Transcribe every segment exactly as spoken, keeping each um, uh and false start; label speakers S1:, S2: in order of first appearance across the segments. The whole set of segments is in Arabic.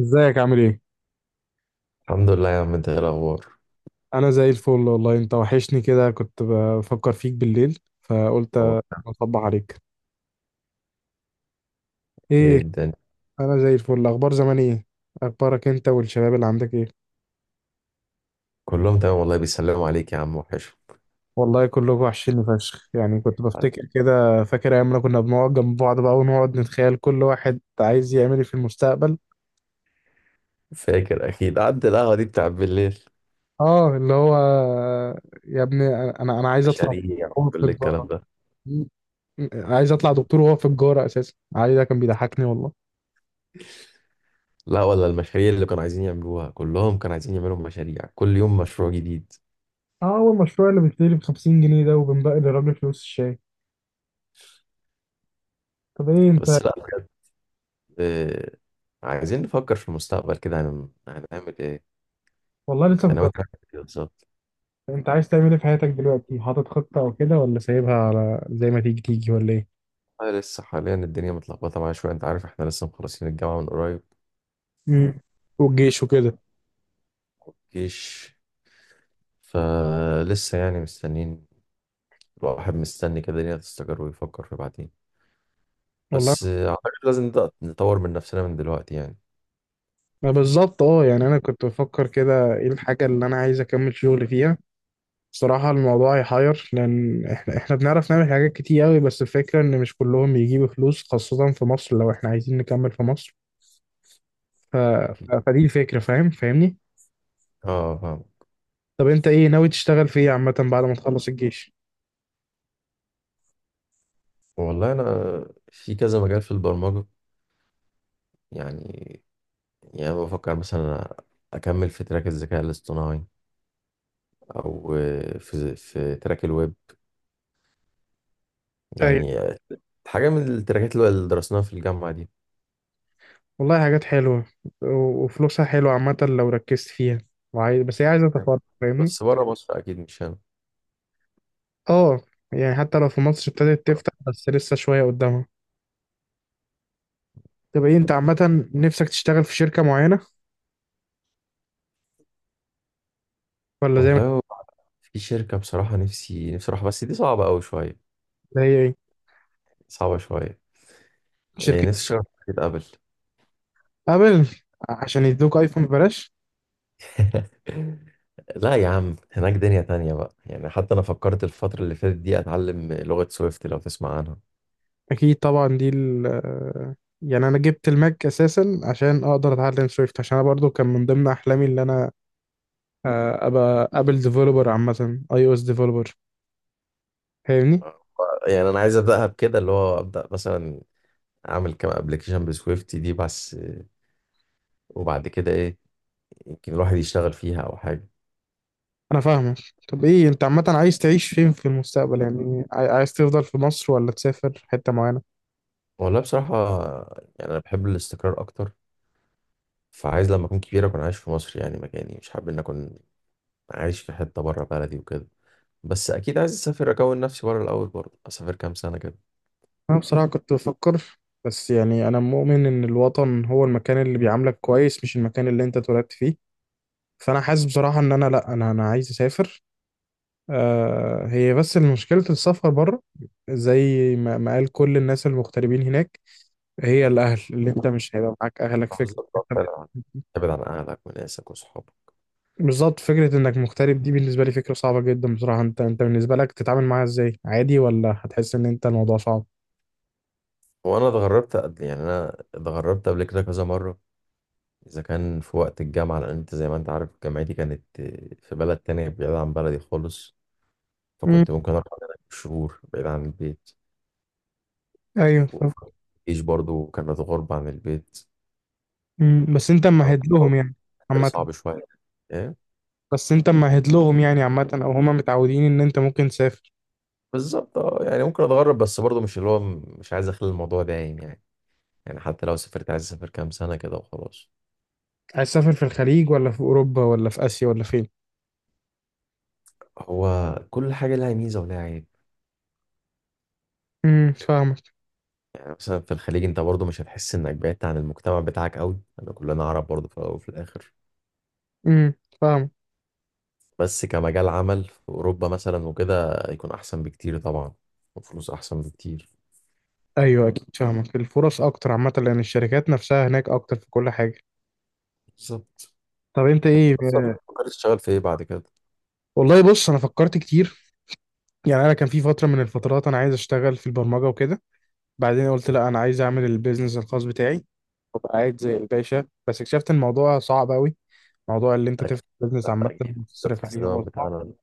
S1: ازيك عامل ايه؟
S2: الحمد لله يا عم، انت ايه الاخبار؟
S1: انا زي الفل والله. انت وحشني كده، كنت بفكر فيك بالليل فقلت
S2: هو
S1: اطبع عليك.
S2: ايه
S1: ايه،
S2: الدنيا؟
S1: انا زي الفل. اخبار زمان ايه؟ اخبارك انت والشباب اللي عندك ايه؟
S2: كلهم تمام والله، بيسلموا عليك يا عم، وحش.
S1: والله كلكم وحشيني فشخ، يعني كنت بفتكر كده، فاكر ايام ما كنا بنقعد جنب بعض بقى ونقعد نتخيل كل واحد عايز يعمل ايه في المستقبل.
S2: فاكر اكيد قعدت القهوه دي بتاع بالليل؟
S1: اه اللي هو يا ابني انا انا عايز اطلع.
S2: مشاريع
S1: هو في
S2: كل الكلام
S1: التجارة،
S2: ده.
S1: عايز اطلع دكتور وهو في التجارة اساسا، عايز ده كان بيضحكني والله.
S2: لا، ولا المشاريع اللي كانوا عايزين يعملوها، كلهم كانوا عايزين يعملوا مشاريع، كل يوم مشروع جديد.
S1: اه، هو المشروع اللي بيشتري ب خمسين جنيه ده وبنبقى للراجل فلوس الشاي. طب ايه انت؟
S2: بس لا بجد. اه، عايزين نفكر في المستقبل كده، هن- هنعمل ايه.
S1: والله لسه
S2: انت
S1: كنت.
S2: ناوي تعمل ايه بالظبط؟
S1: انت عايز تعمل ايه في حياتك دلوقتي، حاطط خطة او كده، ولا سايبها على زي ما تيجي تيجي، ولا ايه؟
S2: اه، لسه حاليا الدنيا متلخبطه معايا شويه، انت عارف احنا لسه مخلصين الجامعه من قريب.
S1: امم والجيش وكده.
S2: جيش، فلسه يعني مستنيين. الواحد مستني كده الدنيا تستقر ويفكر في بعدين.
S1: والله،
S2: بس آه، اعتقد لازم نبدأ نطور من نفسنا من دلوقتي يعني.
S1: ما بالظبط. اه يعني انا كنت بفكر كده، ايه الحاجة اللي انا عايز اكمل شغل فيها. بصراحة الموضوع يحير، لأن إحنا إحنا بنعرف نعمل حاجات كتير أوي، بس الفكرة إن مش كلهم بيجيبوا فلوس، خاصة في مصر لو إحنا عايزين نكمل في مصر. ف...
S2: اكيد،
S1: ف... فدي الفكرة، فاهم، فاهمني؟
S2: اه فاهم.
S1: طب انت ايه ناوي تشتغل في ايه عامة بعد ما تخلص الجيش؟
S2: والله انا في كذا مجال في البرمجة. يعني يعني بفكر مثلا اكمل في تراك الذكاء الاصطناعي، او آه، في في تراك الويب.
S1: ايوه.
S2: يعني آه، حاجة من التراكات اللي درسناها في الجامعة دي،
S1: والله حاجات حلوة، و- وفلوسها حلوة عامة لو ركزت فيها، وعايز، بس هي عايزة تفرغ، فاهمني؟
S2: بس بره مصر اكيد، مش هنا.
S1: اه يعني حتى لو في مصر ابتدت تفتح بس لسه شوية قدامها. طب ايه انت عامة، نفسك تشتغل في شركة معينة ولا زي ما.
S2: والله، في شركة بصراحة نفسي نفسي أروحها، بس دي صعبة أوي شوية.
S1: اللي هي ايه؟
S2: صعبة شوية.
S1: شركة.
S2: إيه، نفسي أشتغل في شركة أبل.
S1: ابل، عشان يدوك ايفون ببلاش؟
S2: لا يا عم، هناك دنيا تانية بقى يعني. حتى أنا فكرت الفترة اللي فاتت دي أتعلم لغة سويفت، لو تسمع عنها.
S1: اكيد طبعا دي ال. يعني انا جبت الماك اساسا عشان اقدر اتعلم سويفت، عشان انا برضو كان من ضمن احلامي اللي انا آه، ابقى ابل ديفلوبر، عامه اي او اس ديفلوبر، فاهمني.
S2: يعني أنا عايز أبدأها بكده، اللي هو أبدأ مثلا أعمل كام أبلكيشن بسويفت دي بس، وبعد كده إيه، يمكن الواحد يشتغل فيها أو حاجة.
S1: انا فاهمك. طب ايه انت عامه عايز تعيش فين في المستقبل؟ يعني عاي- عايز تفضل في مصر ولا تسافر حته معينه؟
S2: والله بصراحة، يعني أنا بحب الاستقرار أكتر. فعايز لما أكون كبير أكون عايش في مصر، يعني مكاني، مش حابب إن أكون عايش في حتة بره بلدي وكده. بس أكيد عايز أسافر، أكون نفسي بره الأول برضه، أسافر كام سنة كده.
S1: انا بصراحه كنت بفكر، بس يعني انا مؤمن ان الوطن هو المكان اللي بيعاملك كويس مش المكان اللي انت اتولدت فيه. فانا حاسس بصراحه ان انا لا، انا انا عايز اسافر. آه، هي بس مشكله السفر بره، زي ما ما قال كل الناس المغتربين هناك، هي الاهل، اللي انت مش هيبقى معاك اهلك، فكره.
S2: بالظبط، اه، فعلا. ابعد عن اهلك وناسك وصحابك.
S1: بالظبط، فكرة انك مغترب دي بالنسبة لي فكرة صعبة جدا بصراحة. انت انت بالنسبة لك تتعامل معاها ازاي، عادي، ولا هتحس ان انت الموضوع صعب؟
S2: وانا اتغربت قبل، يعني انا اتغربت قبل كده كذا مره، اذا كان في وقت الجامعه، لان انت زي ما انت عارف جامعتي كانت في بلد تانية بعيد عن بلدي خالص.
S1: امم.
S2: فكنت ممكن اقعد هناك شهور بعيد عن البيت،
S1: ايوه فاهم.
S2: وفيش برضو كانت غربة عن البيت.
S1: امم، بس انت
S2: كان
S1: ممهد لهم يعني
S2: بالنسبة لي
S1: عامة.
S2: صعب شويه. ايه
S1: بس انت ممهد لهم يعني عامة، او هما متعودين ان انت ممكن تسافر.
S2: بالظبط، اه يعني ممكن اتغرب بس برضو مش اللي هو، مش عايز اخلي الموضوع دايم يعني. يعني حتى لو سافرت عايز اسافر كام سنه كده وخلاص.
S1: عايز تسافر في الخليج ولا في اوروبا ولا في اسيا ولا فين؟
S2: هو كل حاجه لها ميزه ولها عيب.
S1: امم، فاهمك.
S2: مثلا في الخليج انت برضو مش هتحس انك بعدت عن المجتمع بتاعك قوي، انا كلنا عرب برضو في الاول وفي الاخر.
S1: امم، فاهمك.
S2: بس كمجال عمل في اوروبا مثلا وكده يكون احسن بكتير طبعا، وفلوس احسن بكتير.
S1: ايوه اكيد فاهمك، الفرص اكتر عامة لان الشركات نفسها هناك اكتر في كل حاجة.
S2: بالظبط.
S1: طب انت ايه؟
S2: اصلا فكرت تشتغل في ايه بعد كده؟
S1: والله بص انا فكرت كتير. يعني انا كان في فترة من الفترات انا عايز اشتغل في البرمجة وكده، بعدين قلت لا انا عايز اعمل البيزنس الخاص بتاعي وابقى قاعد زي الباشا، بس اكتشفت ان الموضوع صعب قوي، موضوع اللي انت
S2: اكيد،
S1: تفتح بيزنس عامه
S2: اكيد، بالذات
S1: وتصرف
S2: في
S1: عليه
S2: الزمن
S1: هو صعب.
S2: بتاعنا ده.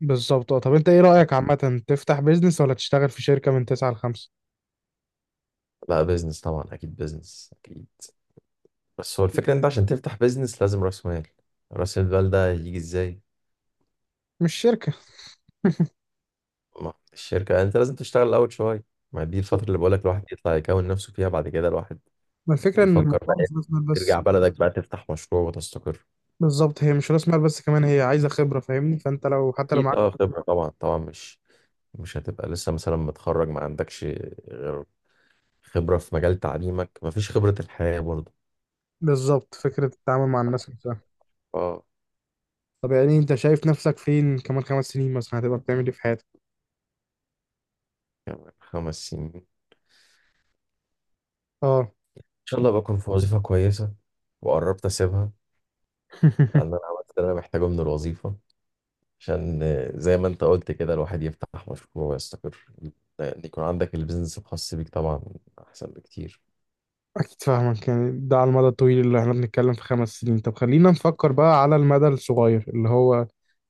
S1: بالظبط آه. طب انت ايه رايك عامه، تفتح بيزنس ولا تشتغل في شركه من تسعة ل خمسة؟
S2: لا، بيزنس طبعا، اكيد بيزنس اكيد. بس هو الفكره انت عشان تفتح بيزنس لازم راس مال. راس المال ده يجي ازاي؟
S1: مش شركه.
S2: ما الشركه، انت لازم تشتغل الاول شويه. ما دي الفتره اللي بقولك الواحد يطلع يكون نفسه فيها، بعد كده الواحد
S1: ما الفكره ان
S2: يفكر بقى
S1: الموضوع
S2: إيه،
S1: مش راس مال بس.
S2: ترجع بلدك بقى تفتح مشروع وتستقر.
S1: بالظبط، هي مش راس مال بس، كمان هي عايزه خبره فاهمني، فانت لو حتى لو
S2: اكيد،
S1: معاك.
S2: اه خبرة طبعا، طبعا مش مش هتبقى لسه مثلا متخرج ما عندكش غير خبرة في مجال تعليمك، ما فيش خبرة الحياة برضه.
S1: بالظبط، فكره التعامل مع الناس نفسها.
S2: اه،
S1: طب يعني انت شايف نفسك فين كمان خمس سنين مثلا، هتبقى بتعمل ايه في حياتك؟
S2: خمس سنين ان
S1: اه.
S2: شاء الله بكون في وظيفة كويسة، وقربت اسيبها. لان انا عملت اللي انا محتاجه من الوظيفة، عشان آه، زي ما انت قلت كده الواحد يفتح مشروع ويستقر. لان يكون عندك البيزنس الخاص بيك طبعا احسن بكتير.
S1: أكيد فاهمك، يعني ده على المدى الطويل اللي احنا بنتكلم في خمس سنين. طب خلينا نفكر بقى على المدى الصغير، اللي هو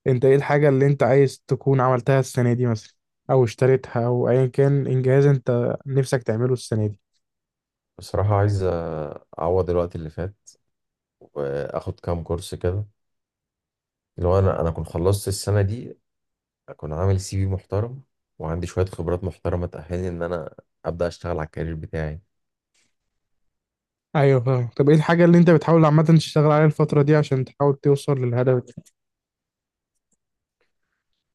S1: أنت إيه الحاجة اللي أنت عايز تكون عملتها السنة دي مثلا، أو اشتريتها، أو أيا كان إنجاز أنت نفسك تعمله السنة دي.
S2: بصراحة عايز آه، اعوض الوقت اللي فات، واخد كام كورس كده. لو انا انا كنت خلصت السنه دي، اكون عامل سي في محترم وعندي شويه خبرات محترمه تاهلني ان انا ابدا اشتغل على الكارير بتاعي.
S1: أيوه فاهم. طب إيه الحاجة اللي أنت بتحاول عامة تشتغل عليها الفترة دي عشان تحاول توصل للهدف ده؟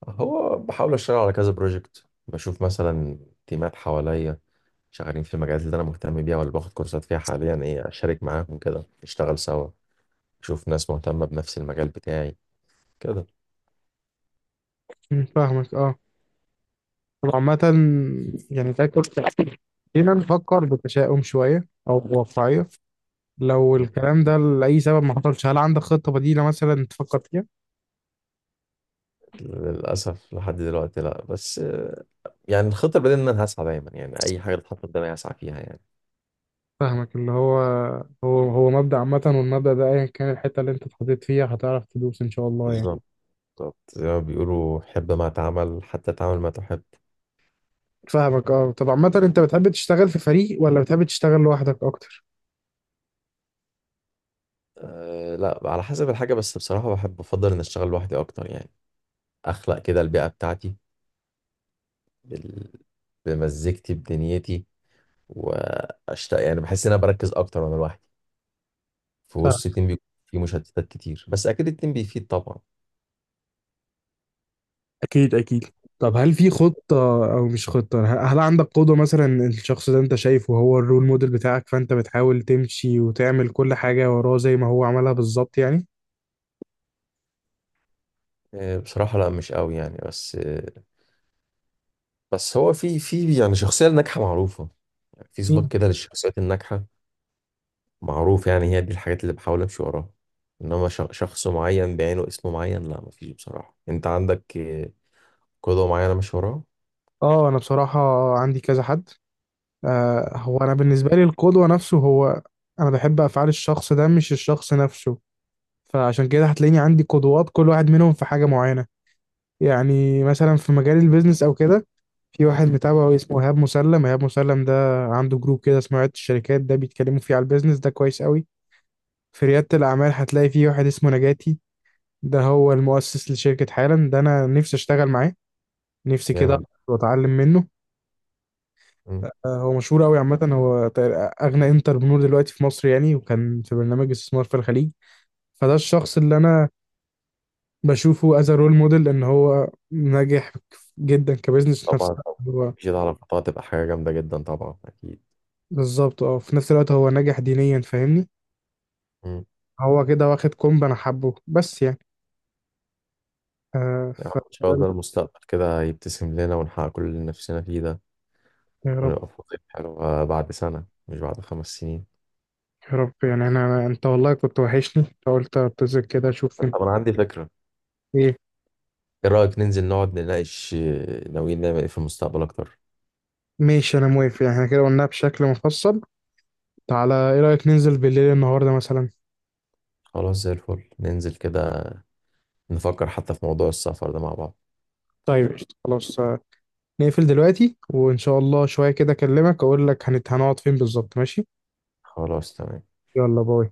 S2: هو بحاول اشتغل على كذا بروجكت، بشوف مثلا تيمات حواليا شغالين في المجالات اللي انا مهتم بيها، ولا باخد كورسات فيها حاليا، ايه اشارك معاهم كده نشتغل سوا. اشوف ناس مهتمه بنفس المجال بتاعي كده.
S1: مم، فاهمك أه. طب عامة، يعني تاكل، خلينا نفكر بتشاؤم شوية أو بواقعية، لو
S2: م.
S1: الكلام ده لأي سبب ما حصلش، هل عندك خطة بديلة مثلا تفكر فيها؟
S2: للاسف لحد دلوقتي لا، بس آه، يعني الخطه البديهيه ان انا هسعى دايما، يعني اي حاجه تتحط قدامي هسعى فيها يعني.
S1: فاهمك، اللي هو، هو هو مبدأ عامة، والمبدأ ده أيا كان الحتة اللي أنت اتحطيت فيها هتعرف تدوس إن شاء الله يعني.
S2: بالظبط، بالظبط، زي ما بيقولوا: حب ما تعمل حتى تعمل ما تحب.
S1: فاهمك أه. طب عامة أنت بتحب تشتغل في فريق ولا بتحب تشتغل لوحدك أكتر؟
S2: أه لا، على حسب الحاجة، بس بصراحة بحب أفضل إن أشتغل لوحدي أكتر يعني، أخلق كده البيئة بتاعتي، بال... بمزيكتي بدنيتي. وأشتاق يعني، بحس إن أنا بركز أكتر وأنا لوحدي. في
S1: فاهم.
S2: وسط التيم بيكون في مشتتات كتير، بس أكيد التيم بيفيد طبعا.
S1: اكيد اكيد. طب هل في خطة او مش خطة، ه- هل عندك قدوة مثلا، الشخص ده انت شايفه هو الرول موديل بتاعك، فانت بتحاول تمشي وتعمل كل حاجة وراه زي ما هو عملها بالظبط يعني؟
S2: أه بصراحة لا مش قوي يعني، بس أه. بس هو في في يعني شخصية ناجحة معروفة، يعني في صفات
S1: مم.
S2: كده للشخصيات الناجحة، معروف يعني. هي دي الحاجات اللي بحاول امشي وراها، انما ش- شخص معين بعينه، اسم معين، لا مفيش بصراحة. انت عندك آه، قدوة معينة ماشي وراها؟
S1: أه أنا بصراحة عندي كذا حد. آه هو انا بالنسبه لي القدوه نفسه، هو انا بحب افعال الشخص ده مش الشخص نفسه، فعشان كده هتلاقيني عندي قدوات، كل واحد منهم في حاجه معينه. يعني مثلا في مجال البيزنس او كده في واحد متابعه اسمه ايهاب مسلم. ايهاب مسلم ده عنده جروب كده اسمه عيادة الشركات، ده بيتكلموا فيه على البيزنس ده كويس قوي. في رياده الاعمال هتلاقي فيه واحد اسمه نجاتي، ده هو المؤسس لشركه حالا، ده انا نفسي اشتغل معاه نفسي كده
S2: جامد.
S1: واتعلم منه.
S2: مم.
S1: آه، هو مشهور قوي عامة، هو تق- أغنى انتربرنور دلوقتي في مصر يعني، وكان في برنامج استثمار في الخليج. فده الشخص اللي أنا بشوفه از رول موديل، إن هو ناجح جدا كبزنس، في نفس
S2: طبعا، طبعاً.
S1: الوقت هو،
S2: مفيش ده على فترة تبقى حاجة جامدة جدا طبعا، اكيد.
S1: بالظبط اه، في نفس الوقت هو ناجح دينيا فاهمني،
S2: مم.
S1: هو كده واخد كومب، أنا حبه بس يعني آه
S2: يعني
S1: ف
S2: ان شاء الله المستقبل كده يبتسم لنا، ونحقق كل اللي نفسنا فيه ده،
S1: يا رب.
S2: ونبقى في وظيفة حلوة بعد سنة، مش بعد خمس سنين.
S1: يا رب يعني، أنا أنت والله كنت وحشني فقلت أتصل كده أشوف.
S2: طب انا عندي فكرة.
S1: إيه؟
S2: ايه رأيك ننزل نقعد نناقش آه، ناويين نعمل ايه في المستقبل اكتر؟
S1: ماشي، أنا موافق، يعني احنا كده قلناها بشكل مفصل. تعالى إيه رأيك ننزل بالليل النهاردة مثلا؟
S2: خلاص زي الفل، ننزل كده، نفكر حتى في موضوع السفر ده مع بعض.
S1: طيب قشطة. خلاص آه، نقفل دلوقتي وإن شاء الله شوية كده أكلمك أقول لك هنت- هنقعد فين بالظبط. ماشي.
S2: خلاص تمام.
S1: يلا باي.